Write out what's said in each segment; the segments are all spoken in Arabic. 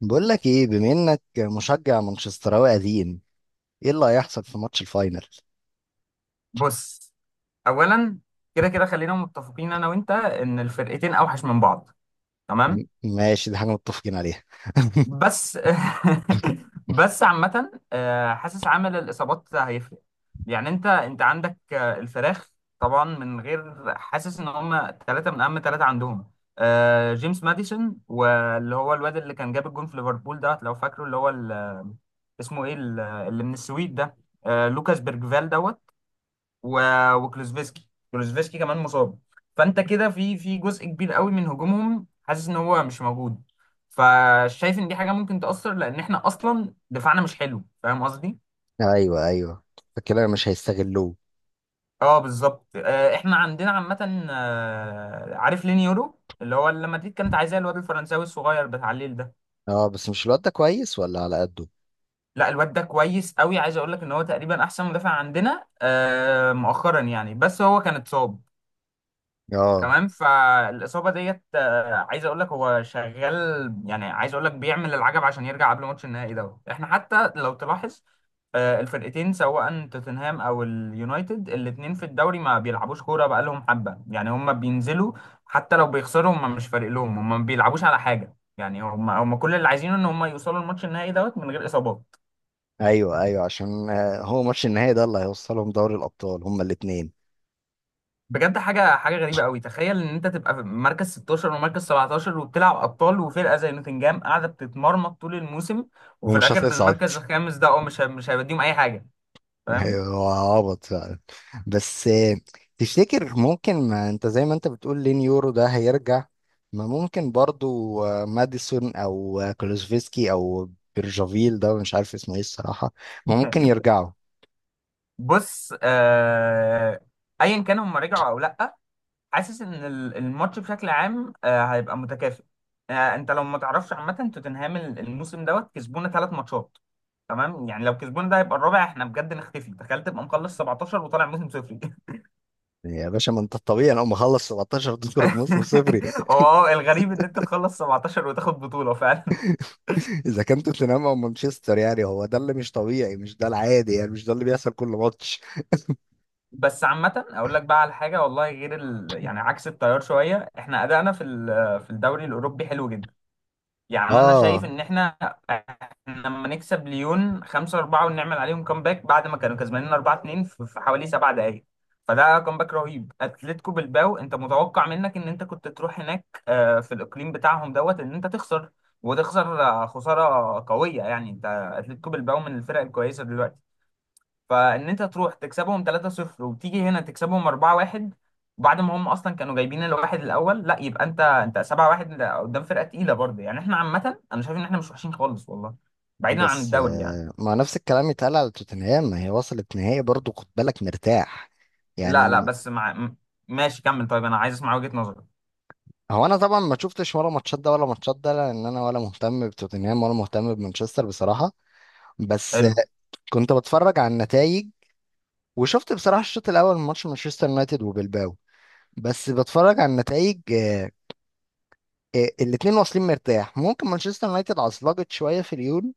بقول لك ايه بما انك مشجع مانشستراوي قديم؟ ايه اللي هيحصل في ماتش الفاينل؟ بص. اولا، كده كده خلينا متفقين انا وانت ان الفرقتين اوحش من بعض، تمام؟ ماشي، دي حاجه متفقين عليها. بس بس عامه حاسس عامل الاصابات هيفرق. يعني انت عندك الفراخ، طبعا من غير حاسس ان هم ثلاثه من اهم ثلاثه عندهم. جيمس ماديسون، واللي هو الواد اللي كان جاب الجون في ليفربول ده لو فاكره، اللي هو اسمه ايه، اللي من السويد ده، لوكاس بيرجفال دوت و- وكلوزفيسكي. كلوزفيسكي كمان مصاب. فانت كده في جزء كبير قوي من هجومهم حاسس ان هو مش موجود. فشايف ان دي حاجه ممكن تاثر، لان احنا اصلا دفاعنا مش حلو. فاهم قصدي؟ ايوه ايوه، فكده مش هيستغلوه. اه، بالظبط. احنا عندنا عامه، عارف لينيورو اللي هو اللي مدريد كانت عايزاه، الواد الفرنساوي الصغير بتاع الليل ده. اه، بس مش الواد ده كويس ولا على قده؟ لا، الواد ده كويس قوي. عايز اقول لك ان هو تقريبا احسن مدافع عندنا مؤخرا يعني، بس هو كان اتصاب. اه، تمام. فالاصابه ديت، عايز اقول لك هو شغال، يعني عايز اقول لك بيعمل العجب عشان يرجع قبل ماتش النهائي دوت. احنا حتى لو تلاحظ، الفرقتين سواء توتنهام او اليونايتد الاتنين في الدوري ما بيلعبوش كوره بقالهم حبه. يعني هم بينزلوا، حتى لو بيخسروا هم مش فارق لهم، هم ما بيلعبوش على حاجه. يعني هم كل اللي عايزينه ان هم يوصلوا الماتش النهائي دوت من غير اصابات. ايوه ايوه، عشان هو ماتش النهائي ده اللي هيوصلهم دوري الابطال هما الاثنين. بجد حاجه غريبه قوي. تخيل ان انت تبقى في مركز 16 ومركز 17 وبتلعب ابطال، وفرقه زي نوتنجهام قاعده بتتمرمط طول الموسم، وفي ومش الاخر هتصعد. المركز الخامس ده اه مش هيوديهم اي حاجه. فاهم؟ ايوه، هو عبط فعلا. بس، تفتكر ممكن ما انت زي ما انت بتقول لين يورو ده هيرجع؟ ما ممكن برضو، ماديسون او كلوزفيسكي او بيرجافيل ده، مش عارف اسمه ايه الصراحة. ما ممكن يرجعوا. بص ايا كان هم رجعوا او لا، حاسس ان الماتش بشكل عام هيبقى متكافئ. انت لو ما تعرفش، عامه توتنهام الموسم دوت كسبونا ثلاث ماتشات. تمام؟ يعني لو كسبونا ده هيبقى الرابع، احنا بجد نختفي. تخيل تبقى مخلص 17 وطالع موسم صفري. يا باشا، ما انت الطبيعي لو مخلص 17 تخرج موسم صفري. هو اه، الغريب ان انت تخلص 17 وتاخد بطولة فعلا. اذا كان توتنهام او مانشستر، يعني هو ده اللي مش طبيعي، مش ده العادي، يعني مش ده اللي بيحصل كل ماتش. بس عامة اقول لك بقى على حاجة والله غير ال... يعني عكس التيار شوية. احنا ادائنا في الدوري الاوروبي حلو جدا. يعني انا شايف اه، ان احنا إحنا لما نكسب ليون 5-4 ونعمل عليهم كومباك بعد ما كانوا كسبانين 4-2 في حوالي 7 دقائق، فده كومباك رهيب. اتلتيكو بالباو، انت متوقع منك ان انت كنت تروح هناك في الاقليم بتاعهم دوت ان انت تخسر، وتخسر خساره قويه، يعني انت، اتلتيكو بالباو من الفرق الكويسه دلوقتي. فان انت تروح تكسبهم 3-0 وتيجي هنا تكسبهم 4-1 بعد ما هم اصلا كانوا جايبين الواحد الاول، لا يبقى انت 7-1. ده قدام فرقه تقيله برضه. يعني احنا عامه انا شايف ان احنا مش وحشين خالص والله، بعيدا عن بس الدوري يعني. ما نفس الكلام يتقال على توتنهام، ما هي وصلت نهائي برضو، خد بالك، مرتاح يعني لا لا بس مع ماشي كمل. طيب انا عايز اسمع وجهه نظرك. هو انا طبعا ما شفتش ولا ماتشات ده ولا ماتشات ده، لان انا ولا مهتم بتوتنهام ولا مهتم بمانشستر بصراحه. بس، حلو. كنت بتفرج على النتائج. وشفت بصراحه الشوط الاول من ماتش مانشستر يونايتد وبلباو. بس بتفرج على النتائج، الاتنين واصلين مرتاح. ممكن مانشستر يونايتد عصلجت شويه في اليون.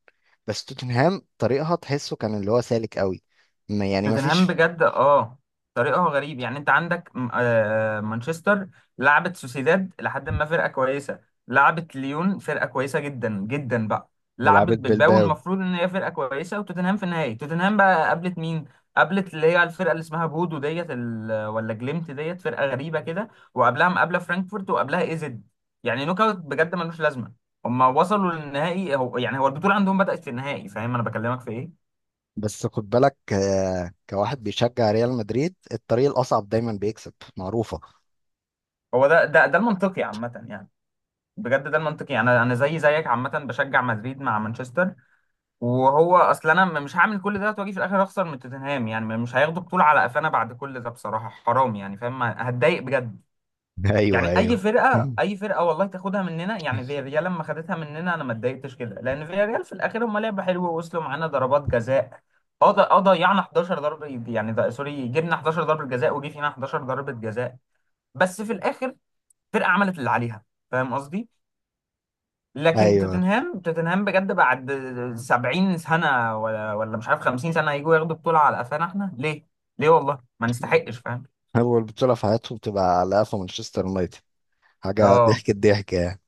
بس توتنهام طريقها تحسه كان اللي هو سالك قوي. يعني ما توتنهام فيش. بجد اه، طريقه غريب. يعني انت عندك مانشستر لعبت سوسيداد لحد ما، فرقه كويسه. لعبت ليون، فرقه كويسه جدا جدا بقى. لعبت ولعبت بالباو، بلباو. المفروض ان هي فرقه كويسه. وتوتنهام في النهائي، توتنهام بقى قابلت مين؟ قابلت اللي هي الفرقه اللي اسمها بودو ديت، ولا جليمت ديت، فرقه غريبه كده. وقبلها مقابله فرانكفورت، وقبلها ايزد. يعني نوك اوت بجد ملوش لازمه. هما وصلوا للنهائي، هو يعني هو البطوله عندهم بدأت في النهائي. فاهم انا بكلمك في ايه؟ بس خد بالك، كواحد بيشجع ريال مدريد الطريق الأصعب دايما بيكسب، معروفة. هو ده المنطقي عامه يعني. بجد ده المنطقي يعني انا زي زيك عامه بشجع مدريد مع مانشستر. وهو اصلا انا مش هعمل كل ده واجي في الاخر اخسر من توتنهام. يعني مش هياخدوا بطوله على قفانا بعد كل ده بصراحه، حرام يعني. فاهم؟ هتضايق بجد. ايوه يعني اي ايول. فرقه، اي فرقه والله تاخدها مننا، يعني فياريال لما خدتها مننا انا ما اتضايقتش كده، لان فياريال في الاخر هم لعبه حلوه ووصلوا معانا ضربات جزاء. اه ضيعنا 11 ضربه، يعني ده سوري، جبنا 11 ضربه جزاء وجي فينا 11 ضربه جزاء. بس في الاخر فرقه عملت اللي عليها. فاهم قصدي؟ لكن ايوه، توتنهام، توتنهام بجد، بعد 70 سنة ولا مش عارف 50 سنة، هيجوا ياخدوا بطولة على قفانا احنا ليه؟ ليه والله؟ ما نستحقش، فاهم؟ اول بطولة في حياتهم تبقى على قفا مانشستر يونايتد، حاجة اه. ضحك الضحك يعني.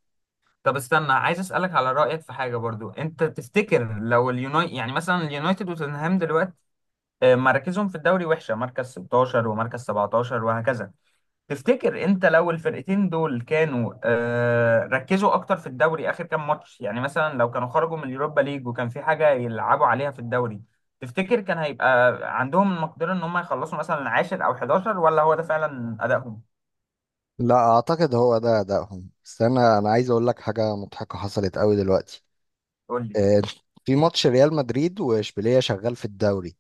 طب استنى، عايز اسألك على رأيك في حاجة برضو. انت تفتكر لو اليونايتد، يعني مثلا اليونايتد وتوتنهام دلوقتي مراكزهم في الدوري وحشة، مركز 16 ومركز 17 وهكذا. تفتكر انت لو الفرقتين دول كانوا ركزوا اكتر في الدوري اخر كام ماتش، يعني مثلا لو كانوا خرجوا من اليوروبا ليج وكان في حاجه يلعبوا عليها في الدوري، تفتكر كان هيبقى عندهم المقدره ان هم يخلصوا مثلا عاشر او 11 ولا هو ده فعلا ادائهم؟ لا اعتقد هو ده ادائهم، بس انا عايز اقول لك حاجة مضحكة حصلت قوي دلوقتي. قول لي. آه، في ماتش ريال مدريد واشبيلية شغال في الدوري.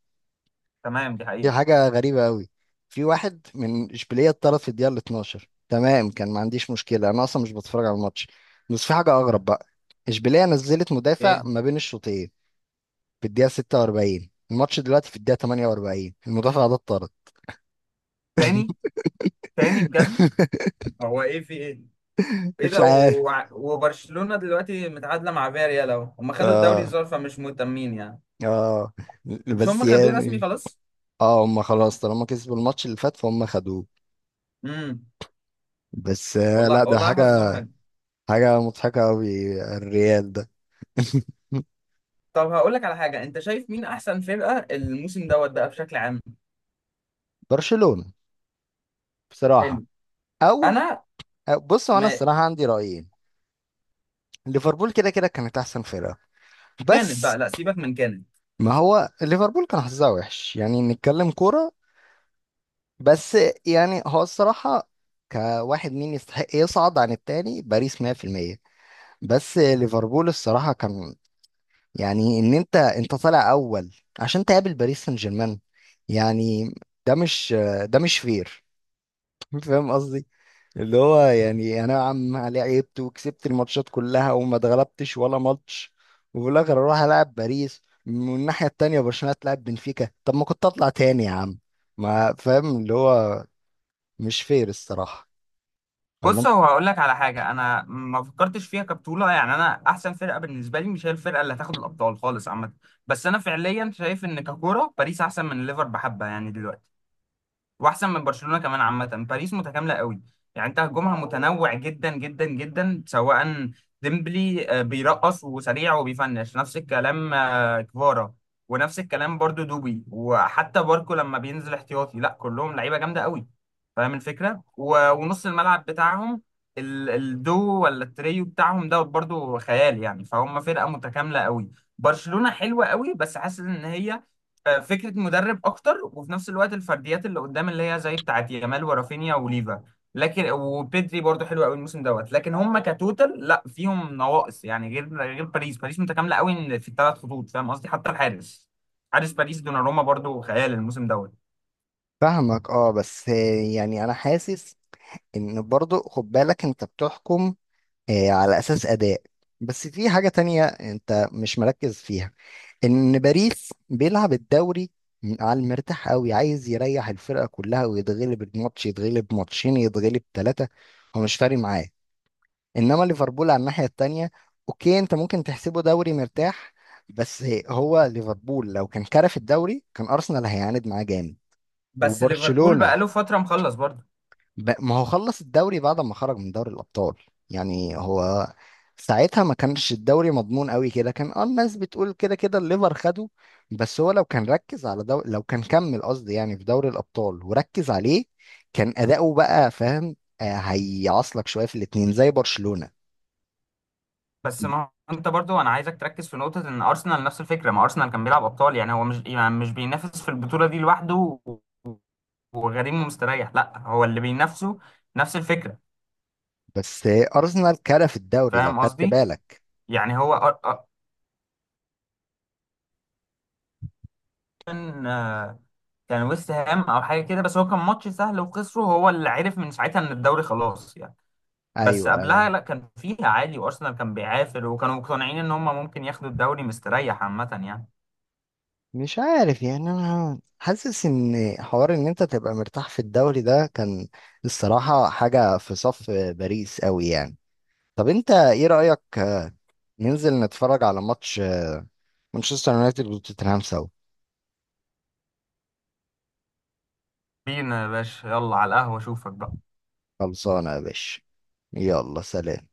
تمام، دي في حقيقه. حاجة غريبة قوي. في واحد من إشبيلية اتطرد في الدقيقة ال 12. تمام، كان ما عنديش مشكلة، أنا أصلا مش بتفرج على الماتش. بس في حاجة أغرب بقى. إشبيلية نزلت مدافع ايه؟ ما بين الشوطين. في الدقيقة 46 الماتش، دلوقتي في الدقيقة 48 المدافع ده اتطرد. تاني؟ تاني بجد؟ هو ايه في ايه؟ ايه مش ده؟ عارف. وع- وبرشلونة دلوقتي متعادلة مع فياريال اهو. هم خدوا الدوري اه. الظاهر، فمش مهتمين يعني. اه. مش بس هم خدوه رسمي يعني خلاص. اه هم خلاص طالما كسبوا الماتش اللي فات فهم خدوه. امم. بس، لا ده والله حظهم حاجة. حلو. حاجة مضحكة قوي الريال ده. طب هقول لك على حاجة. انت شايف مين احسن فرقة الموسم دوت بقى بشكل عام؟ برشلونة بصراحة. حلو. او انا بص، هو انا ما الصراحه عندي رايين. ليفربول كده كده كانت احسن فرقه. كانت بس بقى، لا سيبك من كانت. ما هو ليفربول كان حظها وحش، يعني نتكلم كوره. بس يعني هو الصراحه، كواحد مين يستحق يصعد عن التاني؟ باريس 100%. بس ليفربول الصراحه كان، يعني ان انت طالع اول عشان تقابل باريس سان جيرمان. يعني ده مش، ده مش فير. فاهم قصدي؟ اللي هو يعني انا يا عم لعبت وكسبت الماتشات كلها وما اتغلبتش ولا ماتش، وفي الاخر اروح العب باريس من الناحيه التانيه، برشلونه تلعب بنفيكا. طب ما كنت اطلع تاني يا عم؟ ما فاهم اللي هو، مش فير الصراحه. ولا بص انت هو هقول لك على حاجة. انا ما فكرتش فيها كبطولة، يعني انا احسن فرقة بالنسبة لي مش هي الفرقة اللي هتاخد الابطال خالص عامة. بس انا فعليا شايف ان ككورة باريس احسن من ليفر بحبة يعني دلوقتي، واحسن من برشلونه كمان عامه. باريس متكامله قوي. يعني انت هجومها متنوع جدا جدا جدا. سواء ديمبلي بيرقص وسريع وبيفنش، نفس الكلام كفارا، ونفس الكلام برضو دوبي، وحتى باركو لما بينزل احتياطي، لا كلهم لعيبه جامده قوي. فاهم الفكره؟ و- ونص الملعب بتاعهم، الدو ولا التريو بتاعهم ده برضو خيال يعني. فهم فرقه متكامله قوي. برشلونه حلوه قوي، بس حاسس ان هي فكره مدرب اكتر، وفي نفس الوقت الفرديات اللي قدام اللي هي زي بتاعت يامال ورافينيا وليفا. لكن وبيدري برضو حلو قوي الموسم دوت. لكن هم كتوتال لا فيهم نواقص يعني، غير باريس. باريس متكامله قوي إن في الثلاث خطوط، فاهم قصدي؟ حتى الحارس، حارس باريس دوناروما برضو خيال الموسم دوت. فاهمك؟ اه، بس يعني انا حاسس ان برضو، خد بالك، انت بتحكم على أساس أداء. بس في حاجة تانية أنت مش مركز فيها، إن باريس بيلعب الدوري على المرتاح قوي، عايز يريح الفرقة كلها ويتغلب الماتش، يتغلب ماتشين، يتغلب 3. هو مش فارق معاه. إنما ليفربول على الناحية التانية، أوكي أنت ممكن تحسبه دوري مرتاح، بس هو ليفربول لو كان كرف الدوري كان أرسنال هيعاند معاه جامد. بس ليفربول بقى له وبرشلونة فتره مخلص برضو. ما هو خلص الدوري بعد ما خرج من دوري الأبطال. يعني هو ساعتها ما كانش الدوري مضمون قوي كده، كان اه الناس بتقول كده كده الليفر خده. بس هو لو كان ركز على لو كان كمل قصدي يعني في دوري الأبطال وركز عليه، كان أداؤه بقى فاهم، هيعصلك شوية في الاتنين زي برشلونة. بس ما انت برضو انا عايزك تركز في نقطه، ان ارسنال نفس الفكره. ما ارسنال كان بيلعب ابطال، يعني هو مش يعني مش بينافس في البطوله دي لوحده وغريم ومستريح، لا هو اللي بينافسه نفس الفكره. بس، أرسنال كرف الدوري لو فاهم خدت قصدي؟ بالك. يعني هو كان كان ويست هام او حاجه كده، بس هو كان ماتش سهل وخسره، هو اللي عرف من ساعتها ان الدوري خلاص يعني. بس ايوه قبلها ايوه، لا، كان فيها عالي وارسنال كان بيعافر وكانوا مقتنعين ان هم ممكن ياخدوا الدوري مستريح عامه يعني. مش عارف يعني انا حاسس ان حوار ان انت تبقى مرتاح في الدوري ده كان الصراحة حاجة في صف باريس قوي يعني. طب انت ايه رأيك، ننزل نتفرج على ماتش مانشستر يونايتد وتوتنهام سوا؟ بينا يا باشا، يلا على القهوه، اشوفك بقى. خلصانة يا باشا. يلا سلام.